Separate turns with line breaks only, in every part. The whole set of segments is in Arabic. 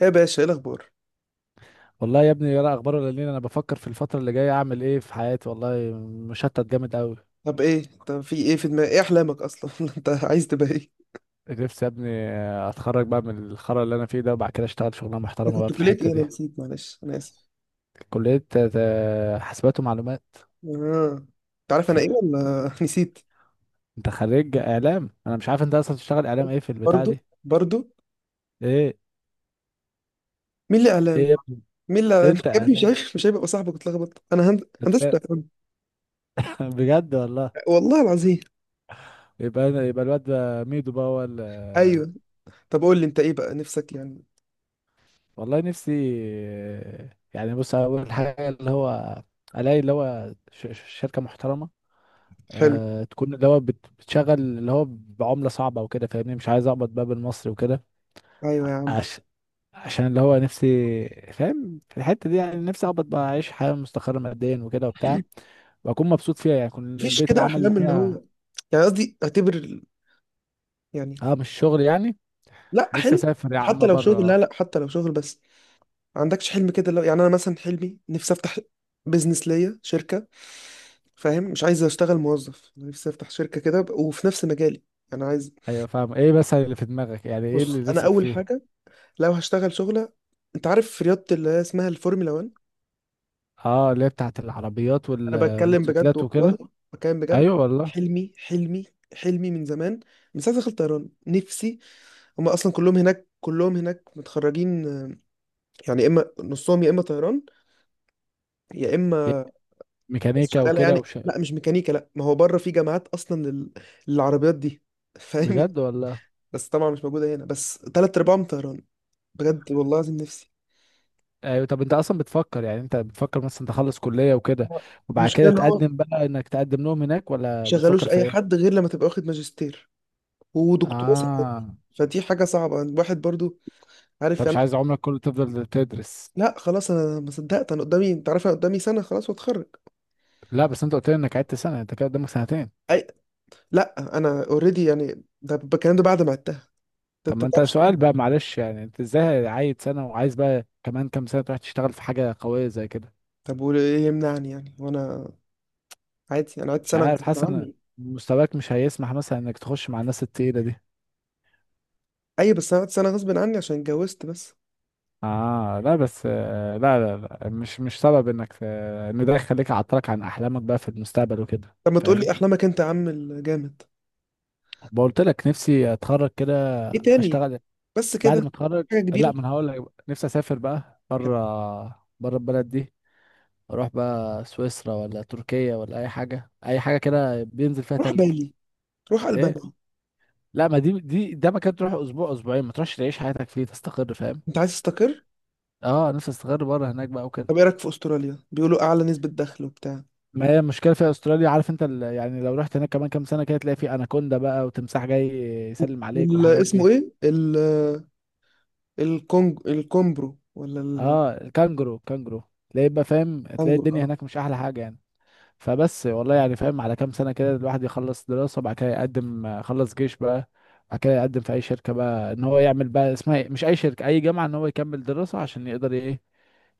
ايه يا باشا، ايه الاخبار؟
والله يا ابني، ولا اخبار ولا لين. انا بفكر في الفتره اللي جايه اعمل ايه في حياتي، والله مشتت جامد قوي.
طب ايه، طب في ايه في دماغك؟ ايه احلامك اصلا؟ انت عايز تبقى ايه؟
نفسي يا ابني اتخرج بقى من الخرا اللي انا فيه ده، وبعد كده اشتغل شغلانه
انا
محترمه بقى
كنت
في
كلية
الحته
ايه؟ انا
دي.
نسيت، معلش انا اسف.
كليه حاسبات ومعلومات.
اه، انت عارف انا ايه ولا نسيت؟
انت خريج اعلام، انا مش عارف انت اصلا تشتغل اعلام ايه في البتاع
برضو
دي.
برضو
ايه.
مين اللي
ايه
اعلام؟
يا ابني؟
مين اللي اعلام يا
انت
ابني؟ مش
اعلام
عارف، مش هيبقى صاحبك اتلخبط. انا هندسة
نفسان.
اعلام.
بجد والله.
والله العظيم.
يبقى الواد ده ميدو بقى، هو
ايوه، طب قول لي انت ايه بقى نفسك يعني.
والله نفسي. يعني بص، اول حاجه اللي هو الاقي اللي هو شركه محترمه.
حلو.
تكون اللي هو بتشغل اللي هو بعملة صعبة وكده، فاهمني؟ مش عايز اقبض بقى بالمصري وكده.
ايوه يا عم.
عش... عشان اللي هو نفسي، فاهم؟ في الحتة دي يعني نفسي اقبض بقى، اعيش حياة مستقرة ماديا وكده وبتاع. واكون مبسوط فيها، يعني يكون
مفيش
البيت
كده
العمل اللي
احلام اللي هو،
فيها.
يعني قصدي اعتبر يعني؟
اه، مش شغل يعني.
لا
نفسي
حلو.
اسافر يا
حتى
عم
لو شغل،
بره.
لا، حتى لو شغل بس. ما عندكش حلم كده؟ لو يعني انا مثلا حلمي نفسي افتح بيزنس ليا، شركه. فاهم؟ مش عايز اشتغل موظف، أنا نفسي افتح شركه كده وفي نفس مجالي. انا عايز.
ايوه فاهم، ايه بس اللي في دماغك؟ يعني ايه اللي
بص، انا
نفسك
اول
فيه؟
حاجه لو هشتغل شغله، انت عارف في رياضه اللي هي اسمها الفورمولا 1.
اه، اللي هي بتاعت العربيات
انا بتكلم بجد
والموتوسيكلات
والله،
وكده.
بتكلم بجد.
ايوه والله.
حلمي، حلمي، حلمي من زمان، من ساعه دخلت طيران نفسي. هم اصلا كلهم هناك، كلهم هناك متخرجين يعني اما نصهم يا اما طيران يا اما... بس
ميكانيكا
شغاله
وكده
يعني.
وش.
لا مش ميكانيكا، لا، ما هو بره في جامعات اصلا للعربيات دي. فاهم يعني.
بجد والله.
بس طبعا مش موجوده هنا، بس تلات ارباعهم طيران. بجد والله العظيم نفسي.
ايوه، طب انت اصلا بتفكر، يعني انت بتفكر مثلا تخلص كلية وكده
آه.
وبعد
المشكله
كده
ان هو ما
تقدم بقى انك تقدم لهم هناك، ولا
يشغلوش
بتفكر في
اي
ايه؟
حد غير لما تبقى واخد ماجستير ودكتوراه ساعات.
اه،
فدي حاجه صعبه الواحد برضو، عارف
انت مش
يعني.
عايز عمرك كله تفضل تدرس.
لا خلاص انا ما صدقت، انا قدامي، انت عارف انا قدامي سنه خلاص واتخرج.
لا بس انت قلت لي انك عدت سنة، انت كده قدامك سنتين.
اي. لا انا اوريدي يعني، ده الكلام ده بعد ما عدتها، ده
طب
انت
ما
ما
انت
بتعرفش.
سؤال بقى معلش، يعني انت ازاي عايد سنة وعايز بقى كمان كام سنة تروح تشتغل في حاجة قوية زي كده؟
طب وايه يمنعني يعني؟ وانا عادي انا قعدت
مش
سنه
عارف،
غصب
حاسس ان
عني.
مستواك مش هيسمح مثلا انك تخش مع الناس التقيلة دي.
ايوه بس انا قعدت سنه غصب عني عشان اتجوزت بس.
اه لا بس لا لا لا مش سبب انك ان ده يخليك عطلك عن احلامك بقى في المستقبل وكده،
طب ما تقول لي
فاهم؟
احلامك انت يا عم الجامد.
بقولت لك نفسي اتخرج كده.
ايه تاني؟
اشتغل.
بس
بعد ما
كده؟
اتخرج.
حاجه
لا
كبيره.
ما انا هقول لك بقى. نفسي اسافر بقى بره، بره البلد دي. اروح بقى سويسرا ولا تركيا ولا اي حاجه، اي حاجه كده بينزل فيها
روح
تلج.
بالي، روح
ايه؟
البانيا.
لا ما دي ده مكان تروح اسبوع اسبوعين، ما تروحش تعيش حياتك فيه تستقر، فاهم؟
انت عايز تستقر.
اه، نفسي استقر بره هناك بقى وكده.
طب ايه رايك في استراليا؟ بيقولوا اعلى نسبه دخل وبتاع.
ما هي المشكله في استراليا، عارف انت يعني لو رحت هناك كمان كام سنه كده تلاقي في اناكوندا بقى وتمساح جاي يسلم عليك والحاجات
والاسمه
دي.
ايه الكونج الكومبرو ولا
اه، الكانجرو الكانجرو. تلاقي بقى، فاهم؟ تلاقي
الكونجرو؟
الدنيا
اه.
هناك مش احلى حاجه يعني. فبس والله يعني فاهم، على كام سنه كده الواحد يخلص دراسه بعد كده يقدم، خلص جيش بقى. بعد كده يقدم في اي شركه بقى ان هو يعمل بقى اسمها إيه؟ مش اي شركه، اي جامعه ان هو يكمل دراسه عشان يقدر ايه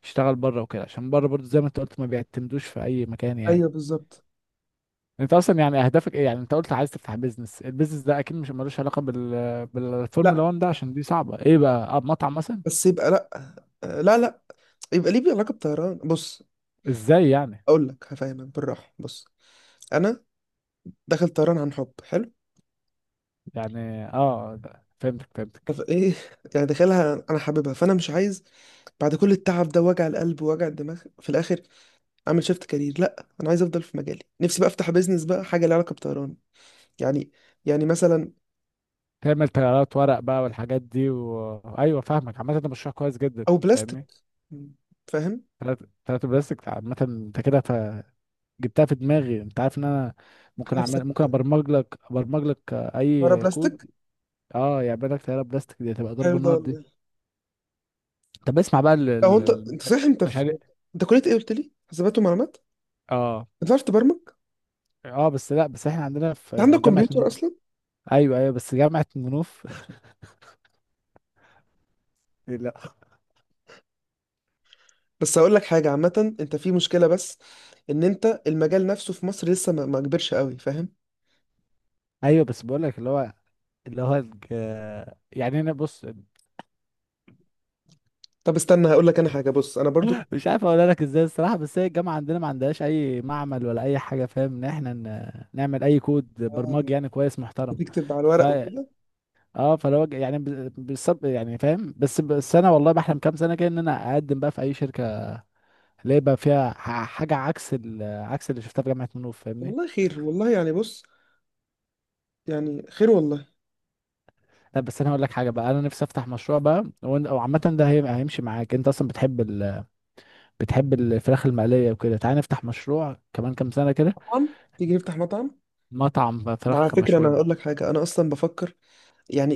يشتغل بره وكده، عشان بره برضه زي ما انت قلت ما بيعتمدوش في اي مكان
ايوه
يعني.
بالظبط.
انت اصلا يعني اهدافك ايه؟ يعني انت قلت عايز تفتح بيزنس، البيزنس ده اكيد مش ملوش علاقه
لا،
بالفورمولا 1 ده عشان دي صعبه، ايه بقى؟ اه، مطعم مثلا.
بس يبقى لا، لا، يبقى ليه علاقه بطيران. بص،
ازاي يعني؟
اقول لك هفهمك بالراحه. بص، انا داخل طيران عن حب. حلو.
يعني اه، فهمتك فهمتك.
فايه يعني، داخلها انا حاببها، فانا مش عايز بعد كل التعب ده وجع القلب ووجع الدماغ في الاخر اعمل شيفت كارير. لا انا عايز افضل في مجالي، نفسي بقى افتح بيزنس بقى حاجه ليها علاقه بطيران يعني. يعني مثلا
تعمل تيارات ورق بقى والحاجات دي ايوه فاهمك، عامه ده مشروع كويس جدا.
او بلاستيك.
فاهمني.
مم. فاهم
ثلاث ثلاث بلاستيك عامه، انت كده جبتها في دماغي، انت عارف ان انا ممكن
نفسك.
ابرمج لك
مره
اي
بلاستيك.
كود. اه، يعمل لك تيارة بلاستيك، دي هتبقى ضرب
حلو ده
النار دي.
والله.
طب اسمع بقى
لو انت
ال-
انت صحيح انت
المشاريع.
في... انت كليه ايه قلت لي؟ حسابات ومعلومات.
اه.
انت عارف تبرمج؟
اه بس، لا بس احنا عندنا
انت عندك
في جامعة
كمبيوتر
منوف.
اصلا؟
ايوه ايوه، بس جامعة منوف. لا.
بس هقول لك حاجه عامه، انت في مشكله، بس ان انت المجال نفسه في مصر لسه ما كبرش قوي، فاهم؟
ايوه بس بقول لك اللي هو اللي هو الج... يعني انا بص.
طب استنى هقول لك انا حاجه، بص انا برضو
مش عارف اقول لك ازاي الصراحة، بس هي الجامعة عندنا ما عندهاش اي معمل ولا اي حاجة، فاهم ان احنا نعمل اي كود
آه،
برمجي يعني كويس محترم.
بتكتب على
ف
الورق وكده.
اه يعني بالصب يعني، فاهم؟ بس انا والله بحلم كام سنة كده ان انا اقدم بقى في اي شركة اللي يبقى فيها حاجة عكس عكس اللي شفتها في جامعة منوف، فاهمني.
والله خير، والله يعني بص، يعني خير والله.
لا بس انا هقول لك حاجه بقى، انا نفسي افتح مشروع بقى او عامه ده هيمشي معاك، انت اصلا بتحب بتحب الفراخ المقليه وكده، تعالى نفتح مشروع كمان كام سنه كده.
مطعم، تيجي نفتح مطعم.
مطعم
وعلى
فراخ
فكره انا
مشويه.
هقول لك حاجه، انا اصلا بفكر يعني،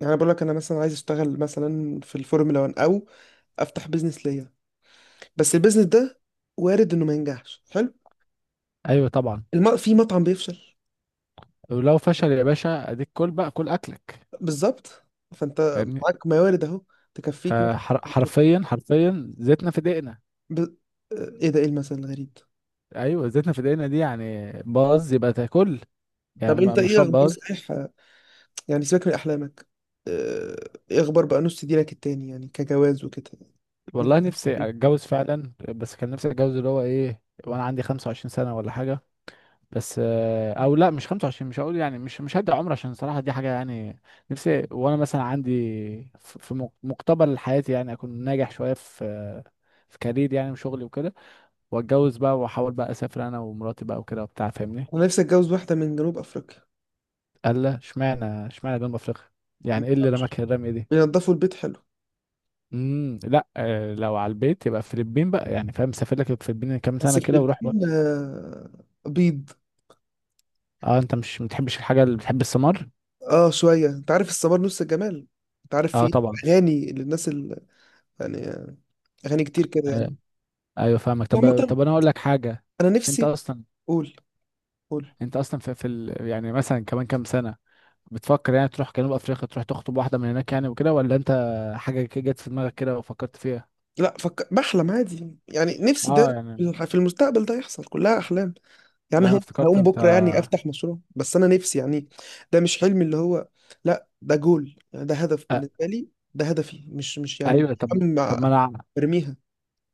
يعني أنا بقول لك انا مثلا عايز اشتغل مثلا في الفورمولا 1 او افتح بيزنس ليا. بس البيزنس ده وارد انه ما ينجحش. حلو.
ايوه طبعا.
في مطعم بيفشل.
ولو فشل يا باشا اديك كل بقى، كل اكلك،
بالظبط. فانت
فاهمني.
معاك موارد اهو تكفيك مثلا.
فحرفيا حرفيا، زيتنا في دقنا.
ب... آه، ايه ده، ايه المثل الغريب؟
ايوه، زيتنا في دقنا دي، يعني باظ يبقى تاكل، يعني
طب انت ايه
مشروع
اخبار
باظ.
صحيح، يعني سيبك من احلامك. آه، ايه اخبار بقى نص دينك التاني يعني، كجواز وكده؟
والله
نفسي-
نفسي اتجوز فعلا، بس كان نفسي اتجوز اللي هو ايه وانا عندي 25 سنه ولا حاجه. بس او لا مش 25، مش هقول يعني مش هدي عمر عشان صراحة دي حاجة يعني. نفسي وانا مثلا عندي في مقتبل حياتي، يعني اكون ناجح شوية في كارير يعني وشغلي وكده. واتجوز بقى واحاول بقى اسافر انا ومراتي بقى وكده وبتاع، فاهمني.
انا نفسي اتجوز واحده من جنوب افريقيا.
قال لا، اشمعنى جنوب افريقيا؟ يعني ايه اللي رماك الرمية دي؟
بينضفوا البيت حلو.
لا، لو على البيت يبقى الفلبين بقى، يعني فاهم؟ سافر لك الفلبين كام
بس
سنة
في
كده وروح بقى.
الفلبين بيض.
اه، انت مش بتحبش الحاجة، اللي بتحب السمر.
اه شويه، انت عارف الصبار نص الجمال. انت عارف
اه
في
طبعا.
اغاني للناس يعني اغاني كتير كده يعني.
ايوه فاهمك.
عامه
طب انا اقول لك حاجه.
انا
انت
نفسي.
اصلا
قول، قول.
انت اصلا في يعني مثلا كمان كام سنه بتفكر يعني تروح جنوب افريقيا تروح تخطب واحده من هناك يعني وكده، ولا انت حاجه كده جت في دماغك كده وفكرت فيها؟
لا فك... بحلم عادي يعني، نفسي
اه
ده
يعني.
في المستقبل ده يحصل، كلها احلام يعني.
لا انا
هقوم،
افتكرت
هقوم
انت
بكره يعني افتح مشروع، بس انا نفسي يعني. ده مش حلم اللي هو، لا ده جول يعني، ده هدف
أ...
بالنسبه لي، ده هدفي مش مش يعني مش
ايوه طب.
هم
طب ما انا ع-
برميها.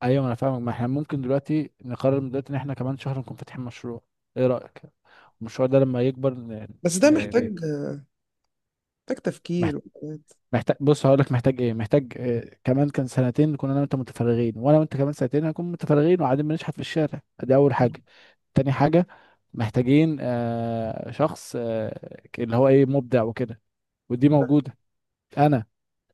ايوه ما انا فاهمك، ما احنا ممكن دلوقتي نقرر من دلوقتي ان احنا كمان شهر نكون فاتحين مشروع. ايه رايك؟ المشروع ده لما يكبر
بس ده
ن...
محتاج، محتاج
ن...
تفكير وحاجات.
محتاج. بص هقول لك محتاج ايه، محتاج كمان كان سنتين كنا انا وانت متفرغين، وانا وانت كمان سنتين هنكون متفرغين وقاعدين بنشحت في الشارع. دي اول حاجه. تاني حاجه محتاجين شخص اللي هو ايه مبدع وكده، ودي موجوده انا،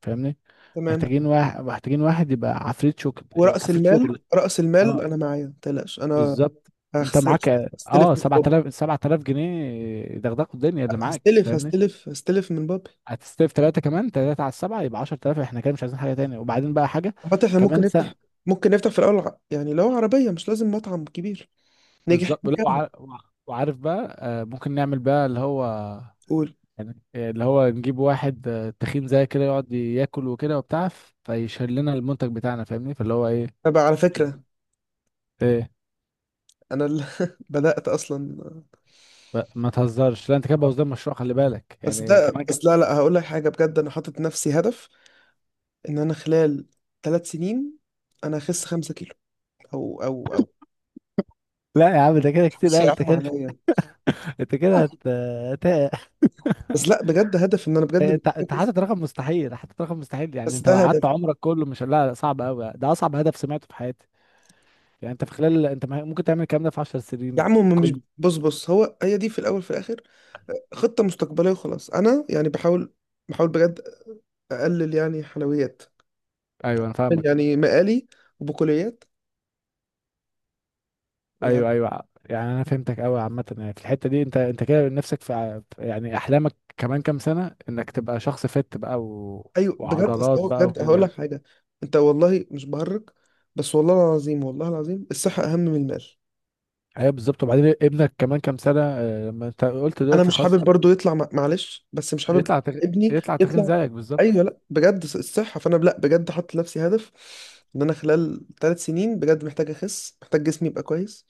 فاهمني.
تمام.
محتاجين واحد يبقى عفريت شغل،
ورأس
عفريت
المال.
شغل.
رأس المال
اه
انا معايا، ما تقلقش انا
بالظبط. انت
هخسر.
معاك
هستلف
اه
من بابا،
7000 جنيه دغدغوا الدنيا اللي معاك،
هستلف
فاهمني.
هستلف هستلف من بابا.
هتستلف ثلاثة، كمان ثلاثة على السبعة يبقى 10,000، احنا كده مش عايزين حاجة تاني. وبعدين بقى حاجة
حتى احنا ممكن
كمان
نفتح،
سنة.
ممكن نفتح في الاول، يعني لو عربيه مش لازم مطعم كبير. نجح
بالظبط. لا
نكمل.
وعارف بقى، ممكن نعمل بقى اللي هو
قول.
يعني اللي هو نجيب واحد تخين زي كده يقعد ياكل وكده وبتاع، فيشيل لنا المنتج بتاعنا، فاهمني؟ فاللي هو ايه.
طب على فكره
ايه؟
انا اللي بدأت اصلا.
ما تهزرش، لا انت كده بوظت المشروع، خلي بالك
بس
يعني
ده
كمان
بس لا، هقول لك حاجة بجد، انا حاطط نفسي هدف ان انا خلال 3 سنين انا اخس 5 كيلو او او او
لا يا عم ده كده كتير
شيء
قوي، انت
يعم
كده.
عليا.
انت كده هت...
بس لا بجد هدف، ان انا بجد
انت
مركز.
حاطط رقم مستحيل، حاطط رقم مستحيل. يعني
بس
انت
ده
لو قعدت
هدف.
عمرك كله مش، لا لا، صعب قوي، ده اصعب هدف سمعته في حياتي. يعني انت في خلال، انت ممكن تعمل الكلام ده في 10
يا
سنين
عم هم مش،
كل.
بص هو هي دي في الاول في الاخر خطة مستقبلية وخلاص. انا يعني بحاول، بحاول بجد اقلل يعني حلويات،
ايوه انا فاهمك.
يعني مقالي وبقوليات.
ايوه ايوه، يعني انا فهمتك قوي، عامه يعني في الحته دي انت كده نفسك في يعني احلامك كمان كام سنه انك تبقى شخص فت بقى
ايوه بجد، اصل
وعضلات
هو
بقى
بجد هقول لك
وكده.
حاجه، انت والله مش بهرج. بس والله العظيم، والله العظيم الصحه اهم من المال.
ايوه بالظبط. وبعدين ابنك كمان كام سنه، لما انت قلت
انا
دلوقتي
مش
خلاص
حابب برضو يطلع معلش بس مش حابب
يطلع تخ...
ابني
يطلع تخين
يطلع.
زيك
ايوه
بالظبط.
لا بجد، الصحه. فانا لا بجد حاطط لنفسي هدف ان انا خلال ثلاث سنين بجد محتاج اخس، محتاج جسمي يبقى كويس.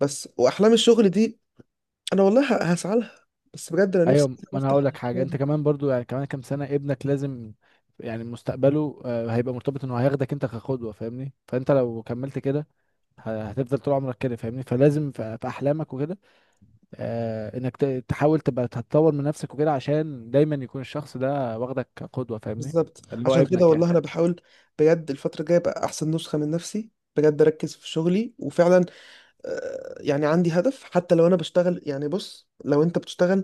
بس واحلام الشغل دي انا والله هسعى لها. بس بجد انا
ايوه،
نفسي إن أنا
ما انا
افتح
هقول لك حاجه.
المشروع ده.
انت كمان برضو يعني كمان كام سنه ابنك لازم يعني مستقبله هيبقى مرتبط انه هياخدك انت كقدوه، فاهمني. فانت لو كملت كده هتفضل طول عمرك كده، فاهمني. فلازم في احلامك وكده انك تحاول تبقى تتطور من نفسك وكده عشان دايما يكون الشخص ده واخدك كقدوه، فاهمني.
بالظبط،
اللي هو
عشان كده
ابنك يعني.
والله انا بحاول بجد الفتره الجايه ابقى احسن نسخه من نفسي، بجد اركز في شغلي. وفعلا يعني عندي هدف حتى لو انا بشتغل يعني. بص لو انت بتشتغل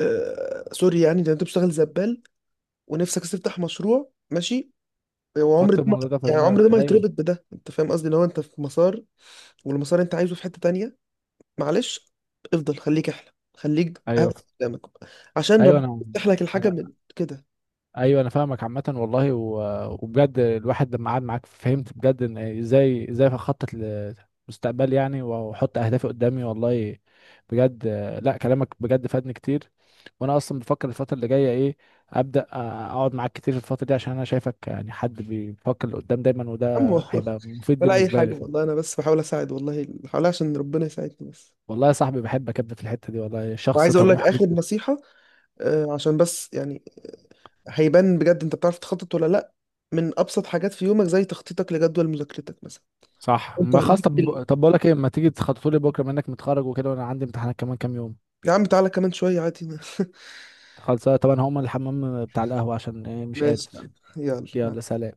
سوري، يعني لو انت بتشتغل زبال ونفسك تفتح مشروع، ماشي. وعمر
حط
ده ما،
الموضوع ده في
يعني عمر ده
دماغك،
ما
ايوه.
يتربط بده. انت فاهم قصدي؟ لو انت في مسار والمسار انت عايزه في حتة تانية، معلش، افضل خليك احلم، خليك
ايوه
هدف قدامك، عشان
ايوه
ربنا
انا
يفتح لك الحاجة من كده.
ايوه انا فاهمك. عامه والله وبجد الواحد لما قعد معاك فهمت بجد ان ازاي ازاي اخطط لمستقبلي يعني، واحط اهدافي قدامي والله. بجد. لا، كلامك بجد فادني كتير. وانا اصلا بفكر الفتره اللي جايه ايه ابدا اقعد معاك كتير في الفتره دي، عشان انا شايفك يعني حد بيفكر لقدام دايما، وده
عمو
هيبقى مفيد
ولا اي
بالنسبه
حاجة
لي.
والله، انا بس بحاول اساعد والله، بحاول عشان ربنا يساعدني بس.
والله يا صاحبي بحبك يا ابني، في الحته دي والله شخص
وعايز اقول لك
طموح
اخر
جدا.
نصيحة، عشان بس يعني هيبان بجد انت بتعرف تخطط ولا لا من ابسط حاجات في يومك، زي تخطيطك لجدول مذاكرتك مثلا.
صح،
انت
ما خلاص.
ليك في
طب بقول لك ايه، ما تيجي تخططوا لي بكره منك متخرج وكده وانا عندي امتحانات كمان كام يوم.
يا عم تعالى كمان شويه عادي.
خلص طبعا، هقوم الحمام بتاع القهوة عشان إيه مش قادر.
ماشي يا عم، يلا مع...
يلا سلام.